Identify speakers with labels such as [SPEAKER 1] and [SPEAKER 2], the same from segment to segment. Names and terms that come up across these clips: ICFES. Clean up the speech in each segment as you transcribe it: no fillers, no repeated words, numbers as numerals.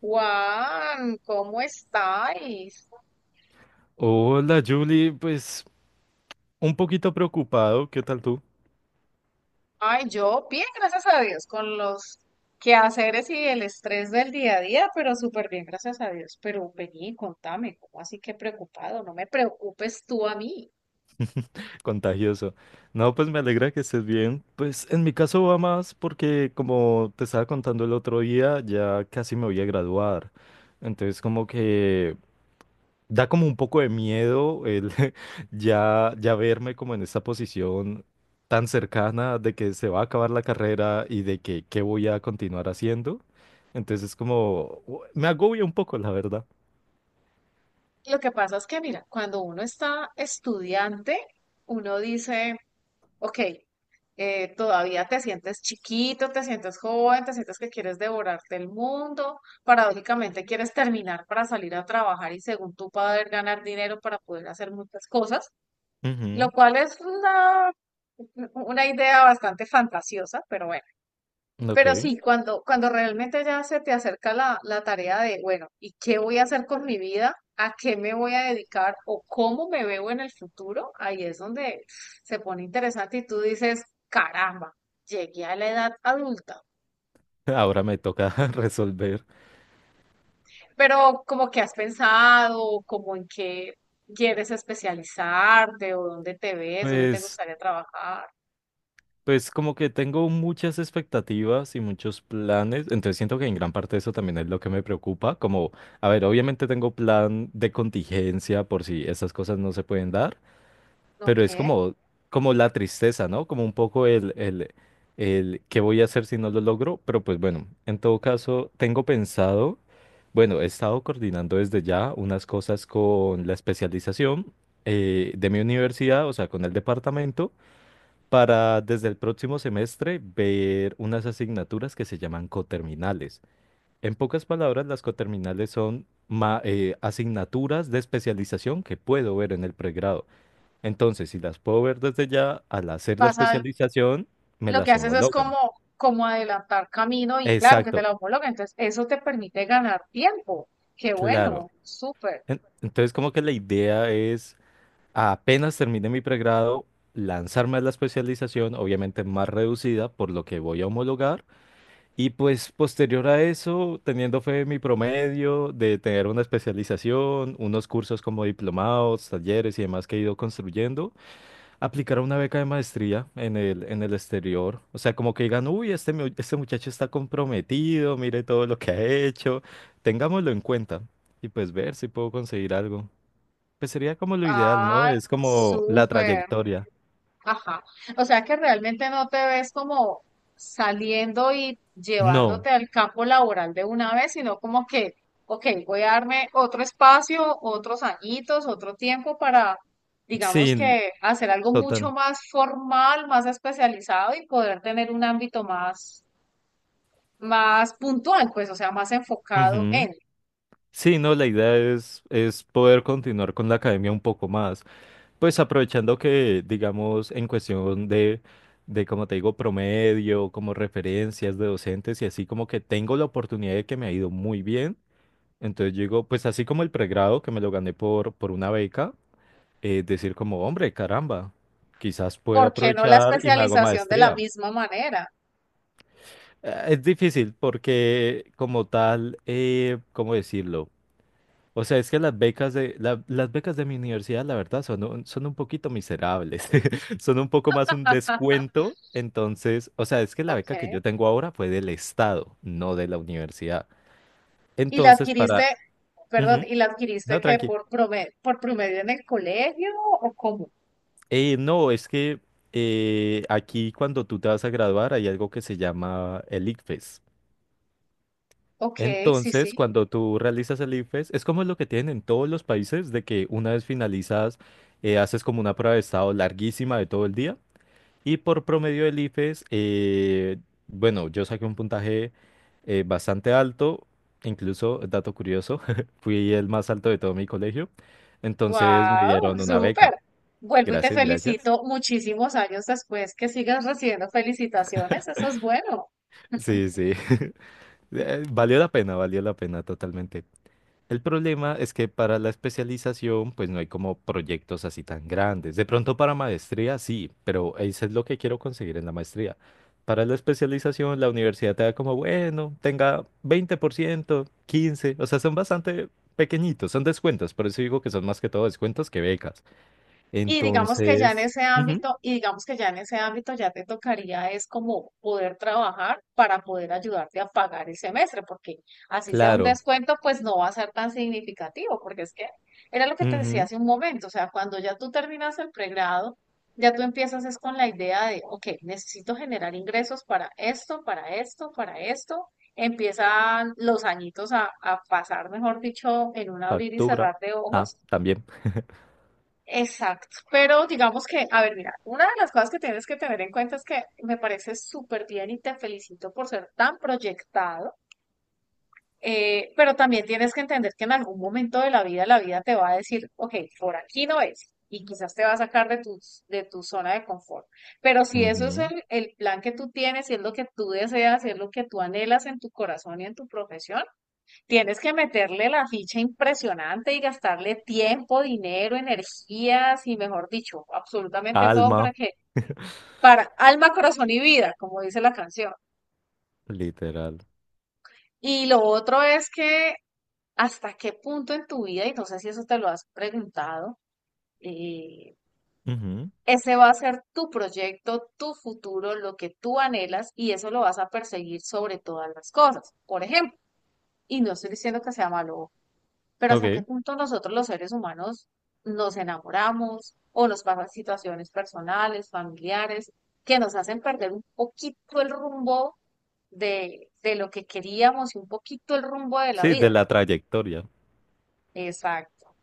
[SPEAKER 1] Juan, ¿cómo estáis?
[SPEAKER 2] Hola Julie, pues un poquito preocupado, ¿qué tal tú?
[SPEAKER 1] Ay, yo bien, gracias a Dios, con los quehaceres y el estrés del día a día, pero súper bien, gracias a Dios. Pero vení, contame, ¿cómo así que preocupado? No me preocupes tú a mí.
[SPEAKER 2] Contagioso. No, pues me alegra que estés bien. Pues en mi caso va más porque como te estaba contando el otro día, ya casi me voy a graduar. Entonces como que da como un poco de miedo el ya verme como en esta posición tan cercana de que se va a acabar la carrera y de que qué voy a continuar haciendo. Entonces me agobia un poco, la verdad.
[SPEAKER 1] Lo que pasa es que, mira, cuando uno está estudiante, uno dice, Ok, todavía te sientes chiquito, te sientes joven, te sientes que quieres devorarte el mundo, paradójicamente quieres terminar para salir a trabajar y según tú poder ganar dinero para poder hacer muchas cosas, lo
[SPEAKER 2] Ujú.
[SPEAKER 1] cual es una idea bastante fantasiosa, pero bueno. Pero
[SPEAKER 2] Ok.
[SPEAKER 1] sí, cuando realmente ya se te acerca la tarea de, bueno, ¿y qué voy a hacer con mi vida? ¿A qué me voy a dedicar? ¿O cómo me veo en el futuro? Ahí es donde se pone interesante y tú dices, caramba, llegué a la edad adulta.
[SPEAKER 2] Ahora me toca resolver.
[SPEAKER 1] Pero como que has pensado, como en qué quieres especializarte o dónde te ves, dónde te
[SPEAKER 2] Pues,
[SPEAKER 1] gustaría trabajar,
[SPEAKER 2] pues como que tengo muchas expectativas y muchos planes, entonces siento que en gran parte eso también es lo que me preocupa, como, a ver, obviamente tengo plan de contingencia por si esas cosas no se pueden dar.
[SPEAKER 1] ¿no
[SPEAKER 2] Pero es
[SPEAKER 1] qué?
[SPEAKER 2] como, como la tristeza, ¿no? Como un poco el qué voy a hacer si no lo logro. Pero pues bueno, en todo caso, tengo pensado, bueno, he estado coordinando desde ya unas cosas con la especialización, de mi universidad, o sea, con el departamento, para desde el próximo semestre ver unas asignaturas que se llaman coterminales. En pocas palabras, las coterminales son asignaturas de especialización que puedo ver en el pregrado. Entonces, si las puedo ver desde ya, al hacer la
[SPEAKER 1] ¿Pasa
[SPEAKER 2] especialización, me
[SPEAKER 1] lo que
[SPEAKER 2] las
[SPEAKER 1] haces es
[SPEAKER 2] homologan.
[SPEAKER 1] como, como adelantar camino y claro que
[SPEAKER 2] Exacto,
[SPEAKER 1] te la homologan? Entonces, eso te permite ganar tiempo. Qué
[SPEAKER 2] claro.
[SPEAKER 1] bueno, súper.
[SPEAKER 2] Entonces, como que la idea es, apenas termine mi pregrado, lanzarme a la especialización, obviamente más reducida, por lo que voy a homologar. Y pues posterior a eso, teniendo fe en mi promedio de tener una especialización, unos cursos como diplomados, talleres y demás que he ido construyendo, aplicar una beca de maestría en el exterior. O sea, como que digan, uy, este, este muchacho está comprometido, mire todo lo que ha hecho, tengámoslo en cuenta y pues ver si puedo conseguir algo. Pues sería como lo ideal, ¿no?
[SPEAKER 1] Ay,
[SPEAKER 2] Es como la
[SPEAKER 1] súper.
[SPEAKER 2] trayectoria.
[SPEAKER 1] Ajá. O sea que realmente no te ves como saliendo y
[SPEAKER 2] No,
[SPEAKER 1] llevándote al campo laboral de una vez, sino como que, ok, voy a darme otro espacio, otros añitos, otro tiempo para, digamos
[SPEAKER 2] sí,
[SPEAKER 1] que, hacer algo mucho
[SPEAKER 2] total.
[SPEAKER 1] más formal, más especializado y poder tener un ámbito más más puntual, pues, o sea, más enfocado
[SPEAKER 2] Ujú.
[SPEAKER 1] en.
[SPEAKER 2] Sí, no, la idea es poder continuar con la academia un poco más. Pues aprovechando que, digamos, en cuestión de, como te digo, promedio, como referencias de docentes y así como que tengo la oportunidad de que me ha ido muy bien. Entonces yo digo, pues así como el pregrado que me lo gané por una beca, decir como, hombre, caramba, quizás puedo
[SPEAKER 1] ¿Por qué no la
[SPEAKER 2] aprovechar y me hago
[SPEAKER 1] especialización de la
[SPEAKER 2] maestría.
[SPEAKER 1] misma manera?
[SPEAKER 2] Es difícil porque como tal, ¿cómo decirlo? O sea, es que las becas de, las becas de mi universidad, la verdad, son un poquito miserables. Son un poco más un
[SPEAKER 1] Ah,
[SPEAKER 2] descuento. Entonces, o sea, es que la beca que
[SPEAKER 1] ok.
[SPEAKER 2] yo tengo ahora fue del Estado, no de la universidad.
[SPEAKER 1] ¿Y la
[SPEAKER 2] Entonces,
[SPEAKER 1] adquiriste,
[SPEAKER 2] para...
[SPEAKER 1] perdón,
[SPEAKER 2] Ujú.
[SPEAKER 1] y la adquiriste
[SPEAKER 2] No,
[SPEAKER 1] que
[SPEAKER 2] tranqui.
[SPEAKER 1] por promedio en el colegio o cómo?
[SPEAKER 2] No, es que aquí cuando tú te vas a graduar hay algo que se llama el ICFES.
[SPEAKER 1] Ok, sí, sí.
[SPEAKER 2] Entonces, cuando tú realizas el ICFES, es como lo que tienen en todos los países, de que una vez finalizas, haces como una prueba de estado larguísima de todo el día. Y por promedio del IFES, bueno, yo saqué un puntaje bastante alto, incluso, dato curioso, fui el más alto de todo mi colegio, entonces me
[SPEAKER 1] Wow,
[SPEAKER 2] dieron una beca.
[SPEAKER 1] súper. Vuelvo y te
[SPEAKER 2] Gracias, gracias.
[SPEAKER 1] felicito muchísimos años después que sigas recibiendo felicitaciones. Eso es bueno.
[SPEAKER 2] Sí, sí. Valió la pena totalmente. El problema es que para la especialización, pues no hay como proyectos así tan grandes. De pronto para maestría, sí, pero eso es lo que quiero conseguir en la maestría. Para la especialización, la universidad te da como, bueno, tenga 20%, 15%, o sea, son bastante pequeñitos, son descuentos, por eso digo que son más que todo descuentos que becas.
[SPEAKER 1] Y digamos que ya en
[SPEAKER 2] Entonces,
[SPEAKER 1] ese
[SPEAKER 2] ujú,
[SPEAKER 1] ámbito, y digamos que ya en ese ámbito ya te tocaría es como poder trabajar para poder ayudarte a pagar el semestre, porque así sea un
[SPEAKER 2] claro,
[SPEAKER 1] descuento, pues no va a ser tan significativo, porque es que era lo que te decía
[SPEAKER 2] ujú,
[SPEAKER 1] hace un momento, o sea, cuando ya tú terminas el pregrado, ya tú empiezas es con la idea de, ok, necesito generar ingresos para esto, para esto, para esto. Empiezan los añitos a pasar, mejor dicho, en un abrir y
[SPEAKER 2] factura,
[SPEAKER 1] cerrar de
[SPEAKER 2] ah,
[SPEAKER 1] ojos.
[SPEAKER 2] también,
[SPEAKER 1] Exacto, pero digamos que, a ver, mira, una de las cosas que tienes que tener en cuenta es que me parece súper bien y te felicito por ser tan proyectado, pero también tienes que entender que en algún momento de la vida te va a decir, ok, por aquí no es, y quizás te va a sacar de de tu zona de confort. Pero si eso es
[SPEAKER 2] ujú,
[SPEAKER 1] el plan que tú tienes, si es lo que tú deseas, si es lo que tú anhelas en tu corazón y en tu profesión, tienes que meterle la ficha impresionante y gastarle tiempo, dinero, energías y, mejor dicho, absolutamente todo
[SPEAKER 2] alma,
[SPEAKER 1] para que, para alma, corazón y vida, como dice la canción.
[SPEAKER 2] literal.
[SPEAKER 1] Y lo otro es que hasta qué punto en tu vida, y no sé si eso te lo has preguntado, eh,
[SPEAKER 2] Ujú,
[SPEAKER 1] ese va a ser tu proyecto, tu futuro, lo que tú anhelas y eso lo vas a perseguir sobre todas las cosas. Por ejemplo, y no estoy diciendo que sea malo, pero hasta qué
[SPEAKER 2] Ok,
[SPEAKER 1] punto nosotros los seres humanos nos enamoramos o nos pasan situaciones personales, familiares, que nos hacen perder un poquito el rumbo de lo que queríamos y un poquito el rumbo de la
[SPEAKER 2] sí, de
[SPEAKER 1] vida.
[SPEAKER 2] la trayectoria.
[SPEAKER 1] Exacto.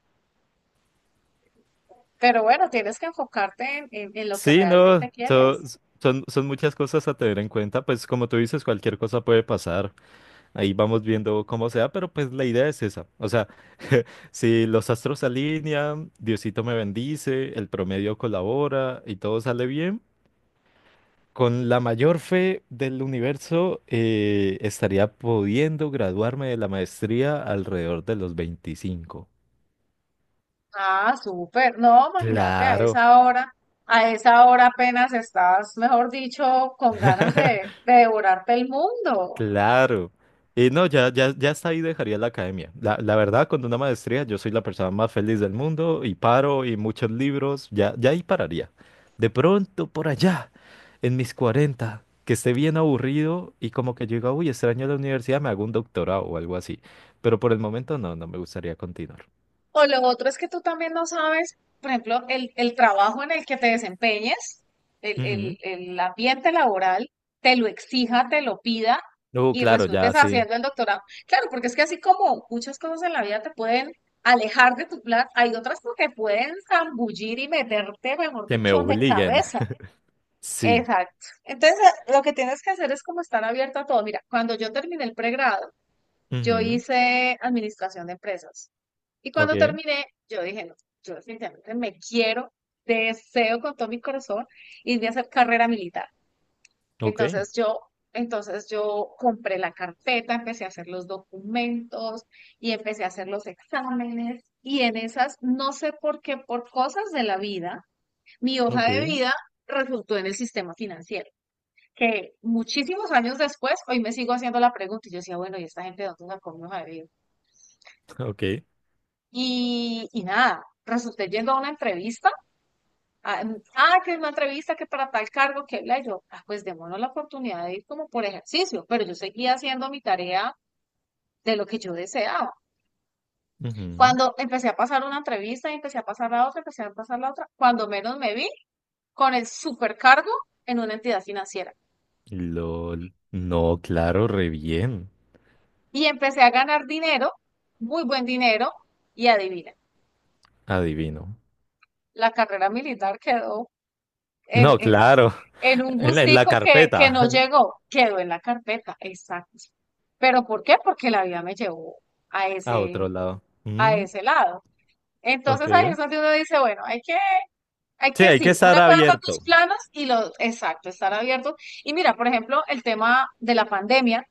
[SPEAKER 1] Pero bueno, tienes que enfocarte en, en lo que
[SPEAKER 2] Sí,
[SPEAKER 1] realmente
[SPEAKER 2] no,
[SPEAKER 1] quieres.
[SPEAKER 2] son, son muchas cosas a tener en cuenta, pues como tú dices, cualquier cosa puede pasar, ahí vamos viendo cómo sea, pero pues la idea es esa, o sea, si los astros se alinean, Diosito me bendice, el promedio colabora y todo sale bien, con la mayor fe del universo, estaría pudiendo graduarme de la maestría alrededor de los 25.
[SPEAKER 1] Ah, súper. No, imagínate
[SPEAKER 2] Claro,
[SPEAKER 1] a esa hora apenas estás, mejor dicho, con ganas de devorarte el mundo.
[SPEAKER 2] claro. Y no, ya hasta ahí dejaría la academia. La verdad, con una maestría, yo soy la persona más feliz del mundo y paro y muchos libros, ya ahí pararía. De pronto, por allá, en mis 40 que esté bien aburrido y como que yo diga, uy, extraño la universidad, me hago un doctorado o algo así. Pero por el momento no, no me gustaría continuar.
[SPEAKER 1] O lo otro es que tú también no sabes, por ejemplo, el trabajo en el que te desempeñes,
[SPEAKER 2] Ujú.
[SPEAKER 1] el ambiente laboral, te lo exija, te lo pida y
[SPEAKER 2] Claro, ya
[SPEAKER 1] resultes
[SPEAKER 2] sí.
[SPEAKER 1] haciendo el doctorado. Claro, porque es que así como muchas cosas en la vida te pueden alejar de tu plan, hay otras que te pueden zambullir y meterte, mejor
[SPEAKER 2] Que me
[SPEAKER 1] dicho, de
[SPEAKER 2] obliguen.
[SPEAKER 1] cabeza.
[SPEAKER 2] Sí.
[SPEAKER 1] Exacto. Entonces, lo que tienes que hacer es como estar abierto a todo. Mira, cuando yo terminé el pregrado, yo
[SPEAKER 2] Ujú.
[SPEAKER 1] hice administración de empresas. Y
[SPEAKER 2] Ok,
[SPEAKER 1] cuando terminé, yo dije, no, yo definitivamente me quiero, deseo con todo mi corazón irme a hacer carrera militar.
[SPEAKER 2] ok,
[SPEAKER 1] Entonces yo, entonces yo compré la carpeta, empecé a hacer los documentos y empecé a hacer los exámenes. Y en esas, no sé por qué, por cosas de la vida, mi
[SPEAKER 2] ok,
[SPEAKER 1] hoja de vida resultó en el sistema financiero. Que muchísimos años después, hoy me sigo haciendo la pregunta y yo decía, bueno, ¿y esta gente de dónde sacó mi hoja de vida?
[SPEAKER 2] ok.
[SPEAKER 1] Y nada, resulté yendo a una entrevista. Ah, mm, ah, que es una entrevista que para tal cargo que bla, y yo, ah, pues démonos la oportunidad de ir como por ejercicio, pero yo seguía haciendo mi tarea de lo que yo deseaba.
[SPEAKER 2] Ujú.
[SPEAKER 1] Cuando empecé a pasar una entrevista y empecé a pasar la otra, empecé a pasar la otra, cuando menos me vi con el supercargo en una entidad financiera.
[SPEAKER 2] LOL. No, claro, re bien.
[SPEAKER 1] Y empecé a ganar dinero, muy buen dinero, y adivina,
[SPEAKER 2] Adivino.
[SPEAKER 1] la carrera militar quedó en,
[SPEAKER 2] No,
[SPEAKER 1] en
[SPEAKER 2] claro.
[SPEAKER 1] en un
[SPEAKER 2] En la
[SPEAKER 1] gustico que
[SPEAKER 2] carpeta.
[SPEAKER 1] no llegó, quedó en la carpeta, exacto. ¿Pero por qué? Porque la vida me llevó a
[SPEAKER 2] A
[SPEAKER 1] ese,
[SPEAKER 2] otro lado.
[SPEAKER 1] a
[SPEAKER 2] Mm,
[SPEAKER 1] ese lado. Entonces ahí es
[SPEAKER 2] ok.
[SPEAKER 1] donde uno dice, bueno, hay
[SPEAKER 2] Sí,
[SPEAKER 1] que
[SPEAKER 2] hay que
[SPEAKER 1] sí,
[SPEAKER 2] estar
[SPEAKER 1] una cosa son tus
[SPEAKER 2] abierto.
[SPEAKER 1] planos y los, exacto, estar abiertos. Y mira, por ejemplo, el tema de la pandemia,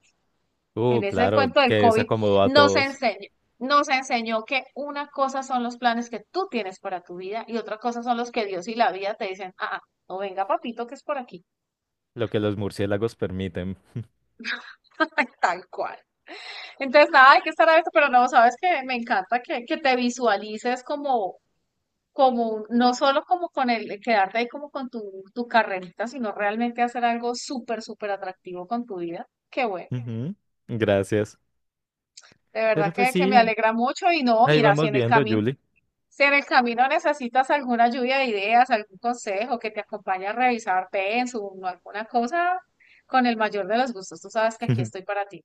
[SPEAKER 1] en ese
[SPEAKER 2] Claro,
[SPEAKER 1] cuento
[SPEAKER 2] que
[SPEAKER 1] del COVID,
[SPEAKER 2] desacomodó a
[SPEAKER 1] nos
[SPEAKER 2] todos.
[SPEAKER 1] enseñó, nos enseñó que una cosa son los planes que tú tienes para tu vida y otra cosa son los que Dios y la vida te dicen, ah, ah, no venga papito que es por aquí.
[SPEAKER 2] Lo que los murciélagos permiten.
[SPEAKER 1] Tal cual. Entonces, nada, hay que estar abierto, pero no, sabes que me encanta que te visualices como, como, no solo como con el quedarte ahí como con tu, tu carrerita, sino realmente hacer algo súper, súper atractivo con tu vida. Qué bueno.
[SPEAKER 2] Ujú,
[SPEAKER 1] De
[SPEAKER 2] gracias. Pero
[SPEAKER 1] verdad
[SPEAKER 2] pues
[SPEAKER 1] que
[SPEAKER 2] sí,
[SPEAKER 1] me alegra mucho y no,
[SPEAKER 2] ahí
[SPEAKER 1] mira, si
[SPEAKER 2] vamos
[SPEAKER 1] en el
[SPEAKER 2] viendo,
[SPEAKER 1] camino,
[SPEAKER 2] Julie.
[SPEAKER 1] si en el camino necesitas alguna lluvia de ideas, algún consejo que te acompañe a revisar Pensum o alguna cosa, con el mayor de los gustos, tú sabes que aquí estoy para ti.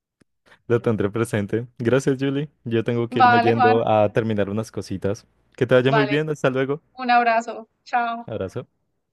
[SPEAKER 2] Lo tendré presente. Gracias, Julie. Yo tengo que irme
[SPEAKER 1] Vale, Juan,
[SPEAKER 2] yendo a terminar unas cositas. Que te vaya muy
[SPEAKER 1] vale,
[SPEAKER 2] bien. Hasta luego.
[SPEAKER 1] un abrazo, chao.
[SPEAKER 2] Abrazo.